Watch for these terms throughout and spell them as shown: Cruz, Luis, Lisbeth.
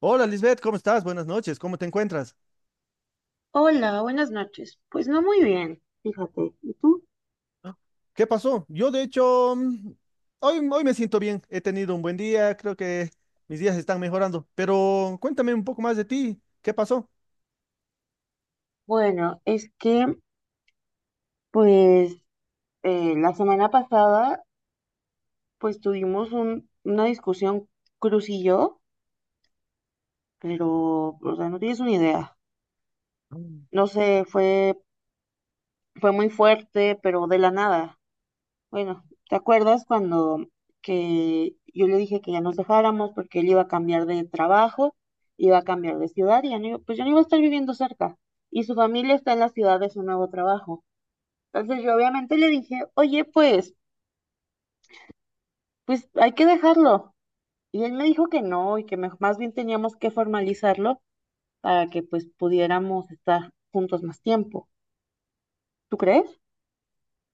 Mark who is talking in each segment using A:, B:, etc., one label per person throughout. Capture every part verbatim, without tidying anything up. A: Hola Lisbeth, ¿cómo estás? Buenas noches, ¿cómo te encuentras?
B: Hola, buenas noches. Pues no muy bien, fíjate. ¿Y tú?
A: Ah, ¿qué pasó? Yo de hecho, mm, hoy, hoy me siento bien, he tenido un buen día, creo que mis días están mejorando, pero cuéntame un poco más de ti, ¿qué pasó?
B: Bueno, es que pues eh, la semana pasada pues tuvimos un- una discusión Cruz y yo, pero o sea, no tienes una idea. No sé, fue fue muy fuerte, pero de la nada. Bueno, ¿te acuerdas cuando que yo le dije que ya nos dejáramos porque él iba a cambiar de trabajo, iba a cambiar de ciudad y ya no iba- pues ya no iba a estar viviendo cerca y su familia está en la ciudad de su nuevo trabajo? Entonces yo obviamente le dije, oye, pues, pues hay que dejarlo. Y él me dijo que no y que me- más bien teníamos que formalizarlo para que pues pudiéramos estar juntos más tiempo. ¿Tú crees?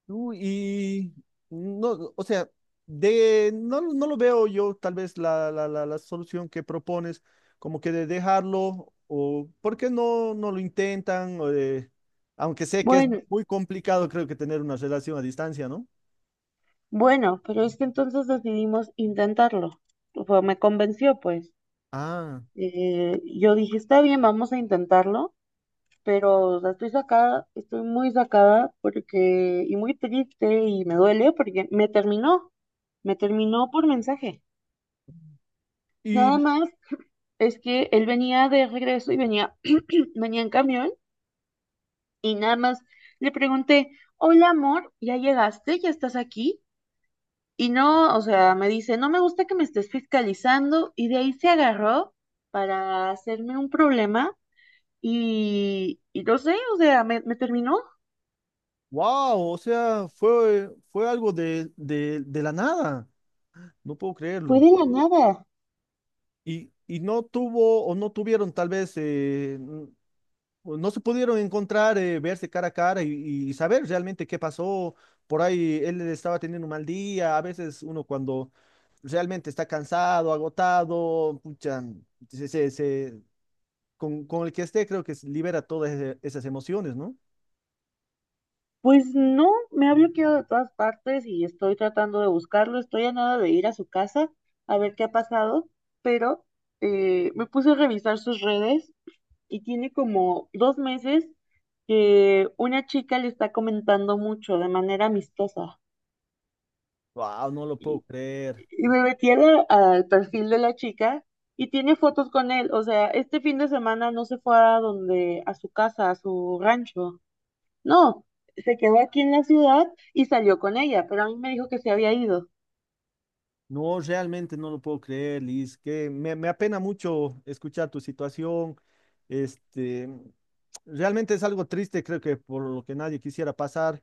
A: No, y no, o sea, de no, no lo veo yo tal vez la, la, la, la solución que propones, como que de dejarlo, o por qué no, no lo intentan, O de- aunque sé que es
B: Bueno,
A: muy complicado, creo que tener una relación a distancia, ¿no?
B: bueno, pero es que entonces decidimos intentarlo. O sea, me convenció, pues.
A: Ah,
B: Eh, yo dije, está bien, vamos a intentarlo, pero o sea, estoy sacada, estoy muy sacada porque, y muy triste y me duele porque me terminó, me terminó por mensaje. Nada
A: y
B: más. Es que él venía de regreso y venía, venía en camión y nada más le pregunté, hola amor, ¿ya llegaste? ¿Ya estás aquí? Y no, o sea, me dice, no me gusta que me estés fiscalizando y de ahí se agarró para hacerme un problema y, y no sé, o sea, me, me terminó.
A: wow, o sea, fue, fue algo de, de, de la nada, no puedo
B: Fue
A: creerlo.
B: de la nada.
A: Y, y no tuvo o no tuvieron tal vez, eh, no se pudieron encontrar, eh, verse cara a cara y, y saber realmente qué pasó. Por ahí él estaba teniendo un mal día. A veces uno cuando realmente está cansado, agotado, pucha, se, se- se- con, con el que esté creo que se libera todas ese- esas emociones, ¿no?
B: Pues no, me ha bloqueado de todas partes y estoy tratando de buscarlo, estoy a nada de ir a su casa a ver qué ha pasado, pero eh, me puse a revisar sus redes y tiene como dos meses que una chica le está comentando mucho de manera amistosa.
A: Wow, no lo puedo creer.
B: Y me metí a la- al perfil de la chica y tiene fotos con él. O sea, este fin de semana no se fue a donde, a su casa, a su rancho. No, se quedó aquí en la ciudad y salió con ella, pero a mí me dijo que se había ido.
A: No, realmente no lo puedo creer, Liz. Que me, me apena mucho escuchar tu situación. Este, realmente es algo triste, creo que por lo que nadie quisiera pasar.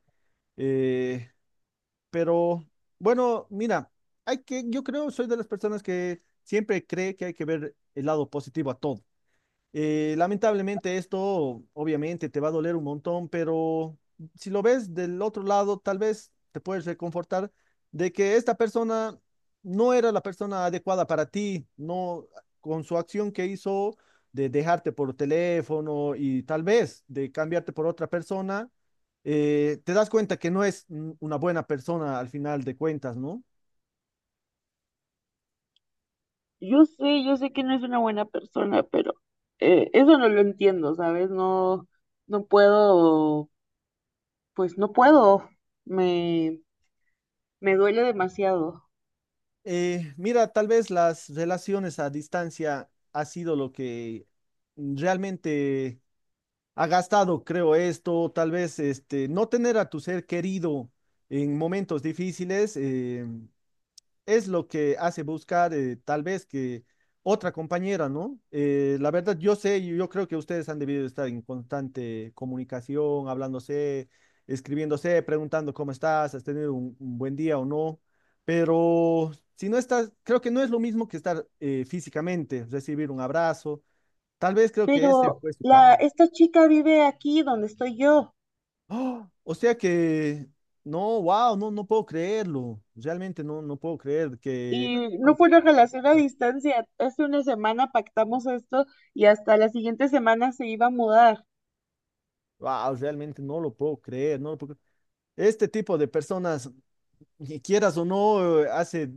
A: Eh, Pero bueno, mira, hay que, yo creo, soy de las personas que siempre cree que hay que ver el lado positivo a todo. Eh, lamentablemente esto obviamente te va a doler un montón, pero si lo ves del otro lado, tal vez te puedes reconfortar de que esta persona no era la persona adecuada para ti, no con su acción que hizo de dejarte por teléfono y tal vez de cambiarte por otra persona, eh, te das cuenta que no es mm, una buena persona al final de cuentas, ¿no?
B: Yo sé, yo sé que no es una buena persona, pero eh, eso no lo entiendo, ¿sabes? No, no puedo, pues no puedo. Me, Me duele demasiado.
A: Eh, mira, tal vez las relaciones a distancia ha sido lo que realmente ha gastado, creo esto, tal vez este, no tener a tu ser querido en momentos difíciles. eh, es lo que hace buscar eh, tal vez que otra compañera, ¿no? Eh, la verdad, yo sé, y yo creo que ustedes han debido estar en constante comunicación, hablándose, escribiéndose, preguntando cómo estás, has tenido un, un buen día o no, pero si no estás, creo que no es lo mismo que estar eh, físicamente, recibir un abrazo, tal vez creo que ese
B: Pero
A: fue su
B: la,
A: cambio.
B: esta chica vive aquí donde estoy yo.
A: ¡Oh! O sea que, no, wow, no, no puedo creerlo, realmente no, no puedo creer que...
B: Y no fue una relación a distancia. Hace una semana pactamos esto y hasta la siguiente semana se iba a mudar.
A: Wow, realmente no lo puedo creer, no lo puedo creer. Este tipo de personas y quieras o no, eh, hace,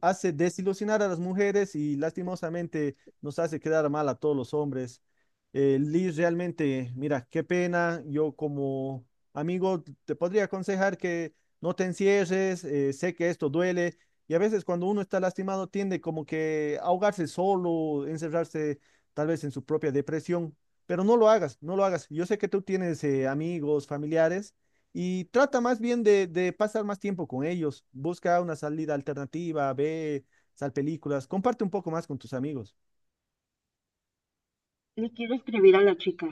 A: hace desilusionar a las mujeres y lastimosamente nos hace quedar mal a todos los hombres. Eh, Liz, realmente, mira, qué pena. Yo como amigo te podría aconsejar que no te encierres. eh, sé que esto duele y a veces cuando uno está lastimado tiende como que a ahogarse solo, encerrarse tal vez en su propia depresión. Pero no lo hagas, no lo hagas. Yo sé que tú tienes eh, amigos, familiares y trata más bien de, de pasar más tiempo con ellos. Busca una salida alternativa, ve, sal películas, comparte un poco más con tus amigos.
B: Le quiero escribir a la chica.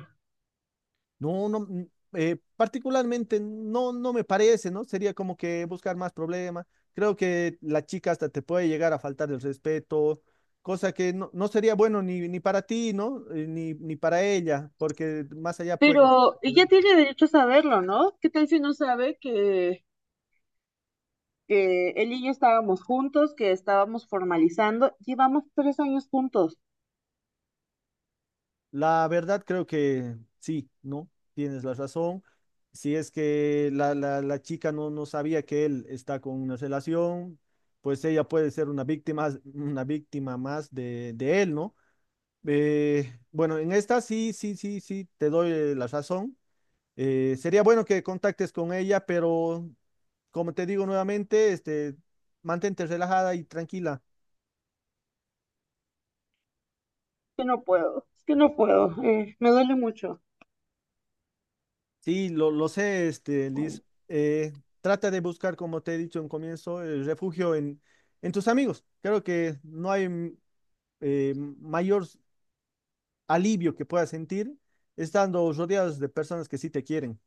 A: No, no, mm, eh, particularmente no, no me parece, ¿no? Sería como que buscar más problemas. Creo que la chica hasta te puede llegar a faltar el respeto, cosa que no, no sería bueno ni, ni para ti, ¿no? Eh, ni, ni para ella, porque más allá puede.
B: Pero ella tiene derecho a saberlo, ¿no? ¿Qué tal si no sabe que, que él y yo estábamos juntos, que estábamos formalizando? Llevamos tres años juntos.
A: La verdad creo que sí, ¿no? Tienes la razón. Si es que la, la, la chica no, no sabía que él está con una relación, pues ella puede ser una víctima, una víctima más de, de él, ¿no? Eh, bueno, en esta sí, sí, sí, sí, te doy eh, la razón. Eh, sería bueno que contactes con ella, pero como te digo nuevamente, este, mantente relajada y tranquila.
B: Que no puedo, es que no puedo. Eh, me duele mucho.
A: Sí, lo, lo sé, este, Liz. Eh, trata de buscar, como te he dicho en comienzo, el refugio en, en tus amigos. Creo que no hay mm, eh, mayor alivio que puedas sentir estando rodeados de personas que sí te quieren.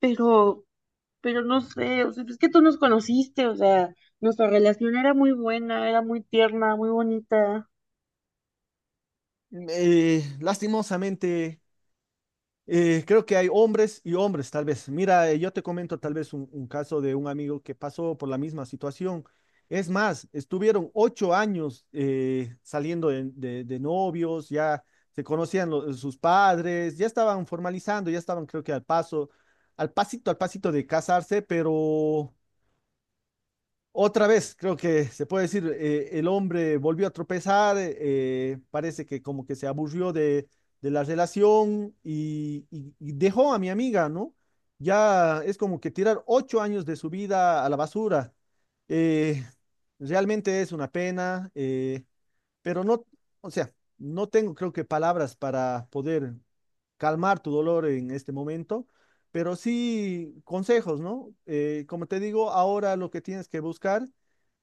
B: Pero pero no sé, o sea, es que tú nos conociste, o sea, nuestra relación era muy buena, era muy tierna, muy bonita.
A: Eh, lastimosamente. Eh, creo que hay hombres y hombres, tal vez. Mira, eh, yo te comento tal vez un, un caso de un amigo que pasó por la misma situación. Es más, estuvieron ocho años eh, saliendo de, de- de novios, ya se conocían lo- sus padres, ya estaban formalizando, ya estaban creo que al paso, al pasito, al pasito de casarse, pero otra vez, creo que se puede decir, eh, el hombre volvió a tropezar, eh, parece que como que se aburrió de, de la relación y, y- y dejó a mi amiga, ¿no? Ya es como que tirar ocho años de su vida a la basura. Eh, realmente es una pena, eh, pero no, o sea, no tengo creo que palabras para poder calmar tu dolor en este momento. Pero sí consejos, ¿no? Eh, como te digo, ahora lo que tienes que buscar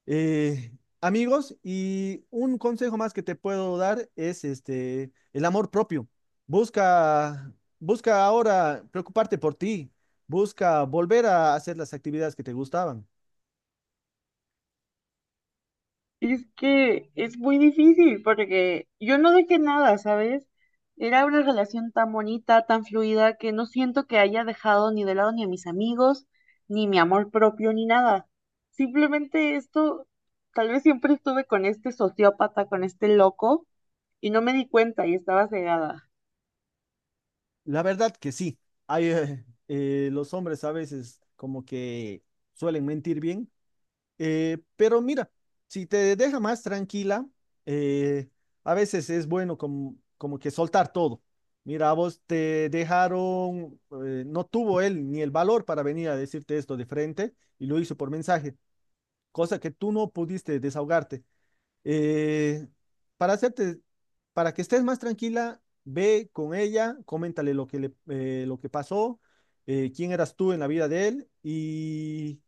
A: eh, amigos, y un consejo más que te puedo dar es este, el amor propio. Busca, busca ahora preocuparte por ti, busca volver a hacer las actividades que te gustaban.
B: Y es que es muy difícil porque yo no dejé nada, ¿sabes? Era una relación tan bonita, tan fluida, que no siento que haya dejado ni de lado ni a mis amigos, ni mi amor propio, ni nada. Simplemente esto, tal vez siempre estuve con este sociópata, con este loco, y no me di cuenta y estaba cegada.
A: La verdad que sí, hay, eh, eh, los hombres a veces como que suelen mentir bien. Eh, pero mira, si te deja más tranquila, eh, a veces es bueno como, como que soltar todo. Mira, a vos te dejaron, eh, no tuvo él ni el valor para venir a decirte esto de frente y lo hizo por mensaje, cosa que tú no pudiste desahogarte. Eh, para hacerte, para que estés más tranquila, ve con ella, coméntale lo que le, eh, lo que pasó, eh, quién eras tú en la vida de él y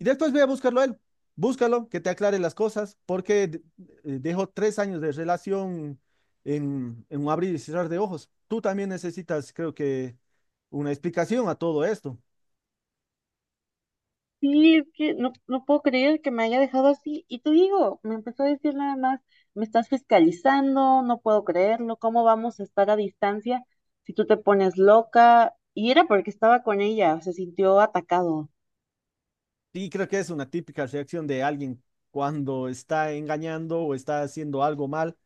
A: y después voy a buscarlo a él. Búscalo, que te aclare las cosas, porque eh, dejó tres años de relación en, en un abrir y cerrar de ojos. Tú también necesitas, creo que, una explicación a todo esto.
B: Sí, es que no, no puedo creer que me haya dejado así. Y te digo, me empezó a decir nada más, me estás fiscalizando, no puedo creerlo, ¿cómo vamos a estar a distancia si tú te pones loca? Y era porque estaba con ella, se sintió atacado.
A: Sí, creo que es una típica reacción de alguien cuando está engañando o está haciendo algo mal.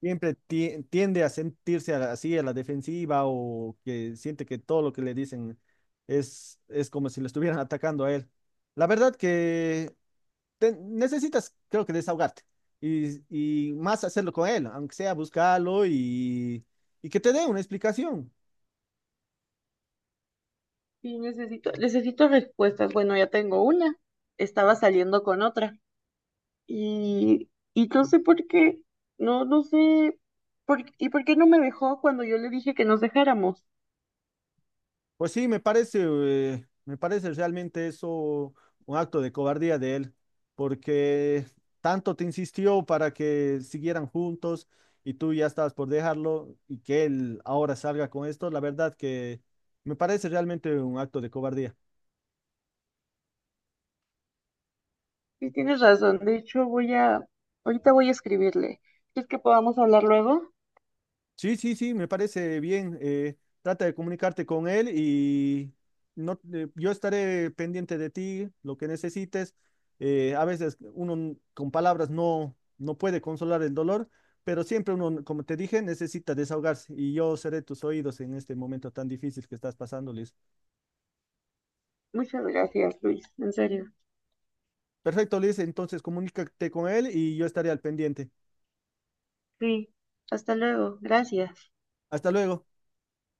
A: Siempre ti- tiende a sentirse a la- así a la defensiva o que siente que todo lo que le dicen es, es como si le estuvieran atacando a él. La verdad que te- necesitas, creo que, desahogarte y, y más hacerlo con él, aunque sea buscarlo y, y que te dé una explicación.
B: Sí, necesito, necesito respuestas. Bueno, ya tengo una. Estaba saliendo con otra. Y, y no sé por qué, no, no sé, por, ¿y por qué no me dejó cuando yo le dije que nos dejáramos?
A: Pues sí, me parece, eh, me parece realmente eso un acto de cobardía de él, porque tanto te insistió para que siguieran juntos y tú ya estabas por dejarlo y que él ahora salga con esto, la verdad que me parece realmente un acto de cobardía.
B: Sí, tienes razón. De hecho, voy a, ahorita voy a escribirle. ¿Quieres que podamos hablar luego?
A: Sí, sí, sí, me parece bien. eh, trata de comunicarte con él y no, eh, yo estaré pendiente de ti, lo que necesites. Eh, a veces uno n- con palabras no, no puede consolar el dolor, pero siempre uno, como te dije, necesita desahogarse y yo seré tus oídos en este momento tan difícil que estás pasando, Liz.
B: Muchas gracias, Luis. En serio.
A: Perfecto, Liz, entonces comunícate con él y yo estaré al pendiente.
B: Sí. Hasta luego. Gracias.
A: Hasta luego.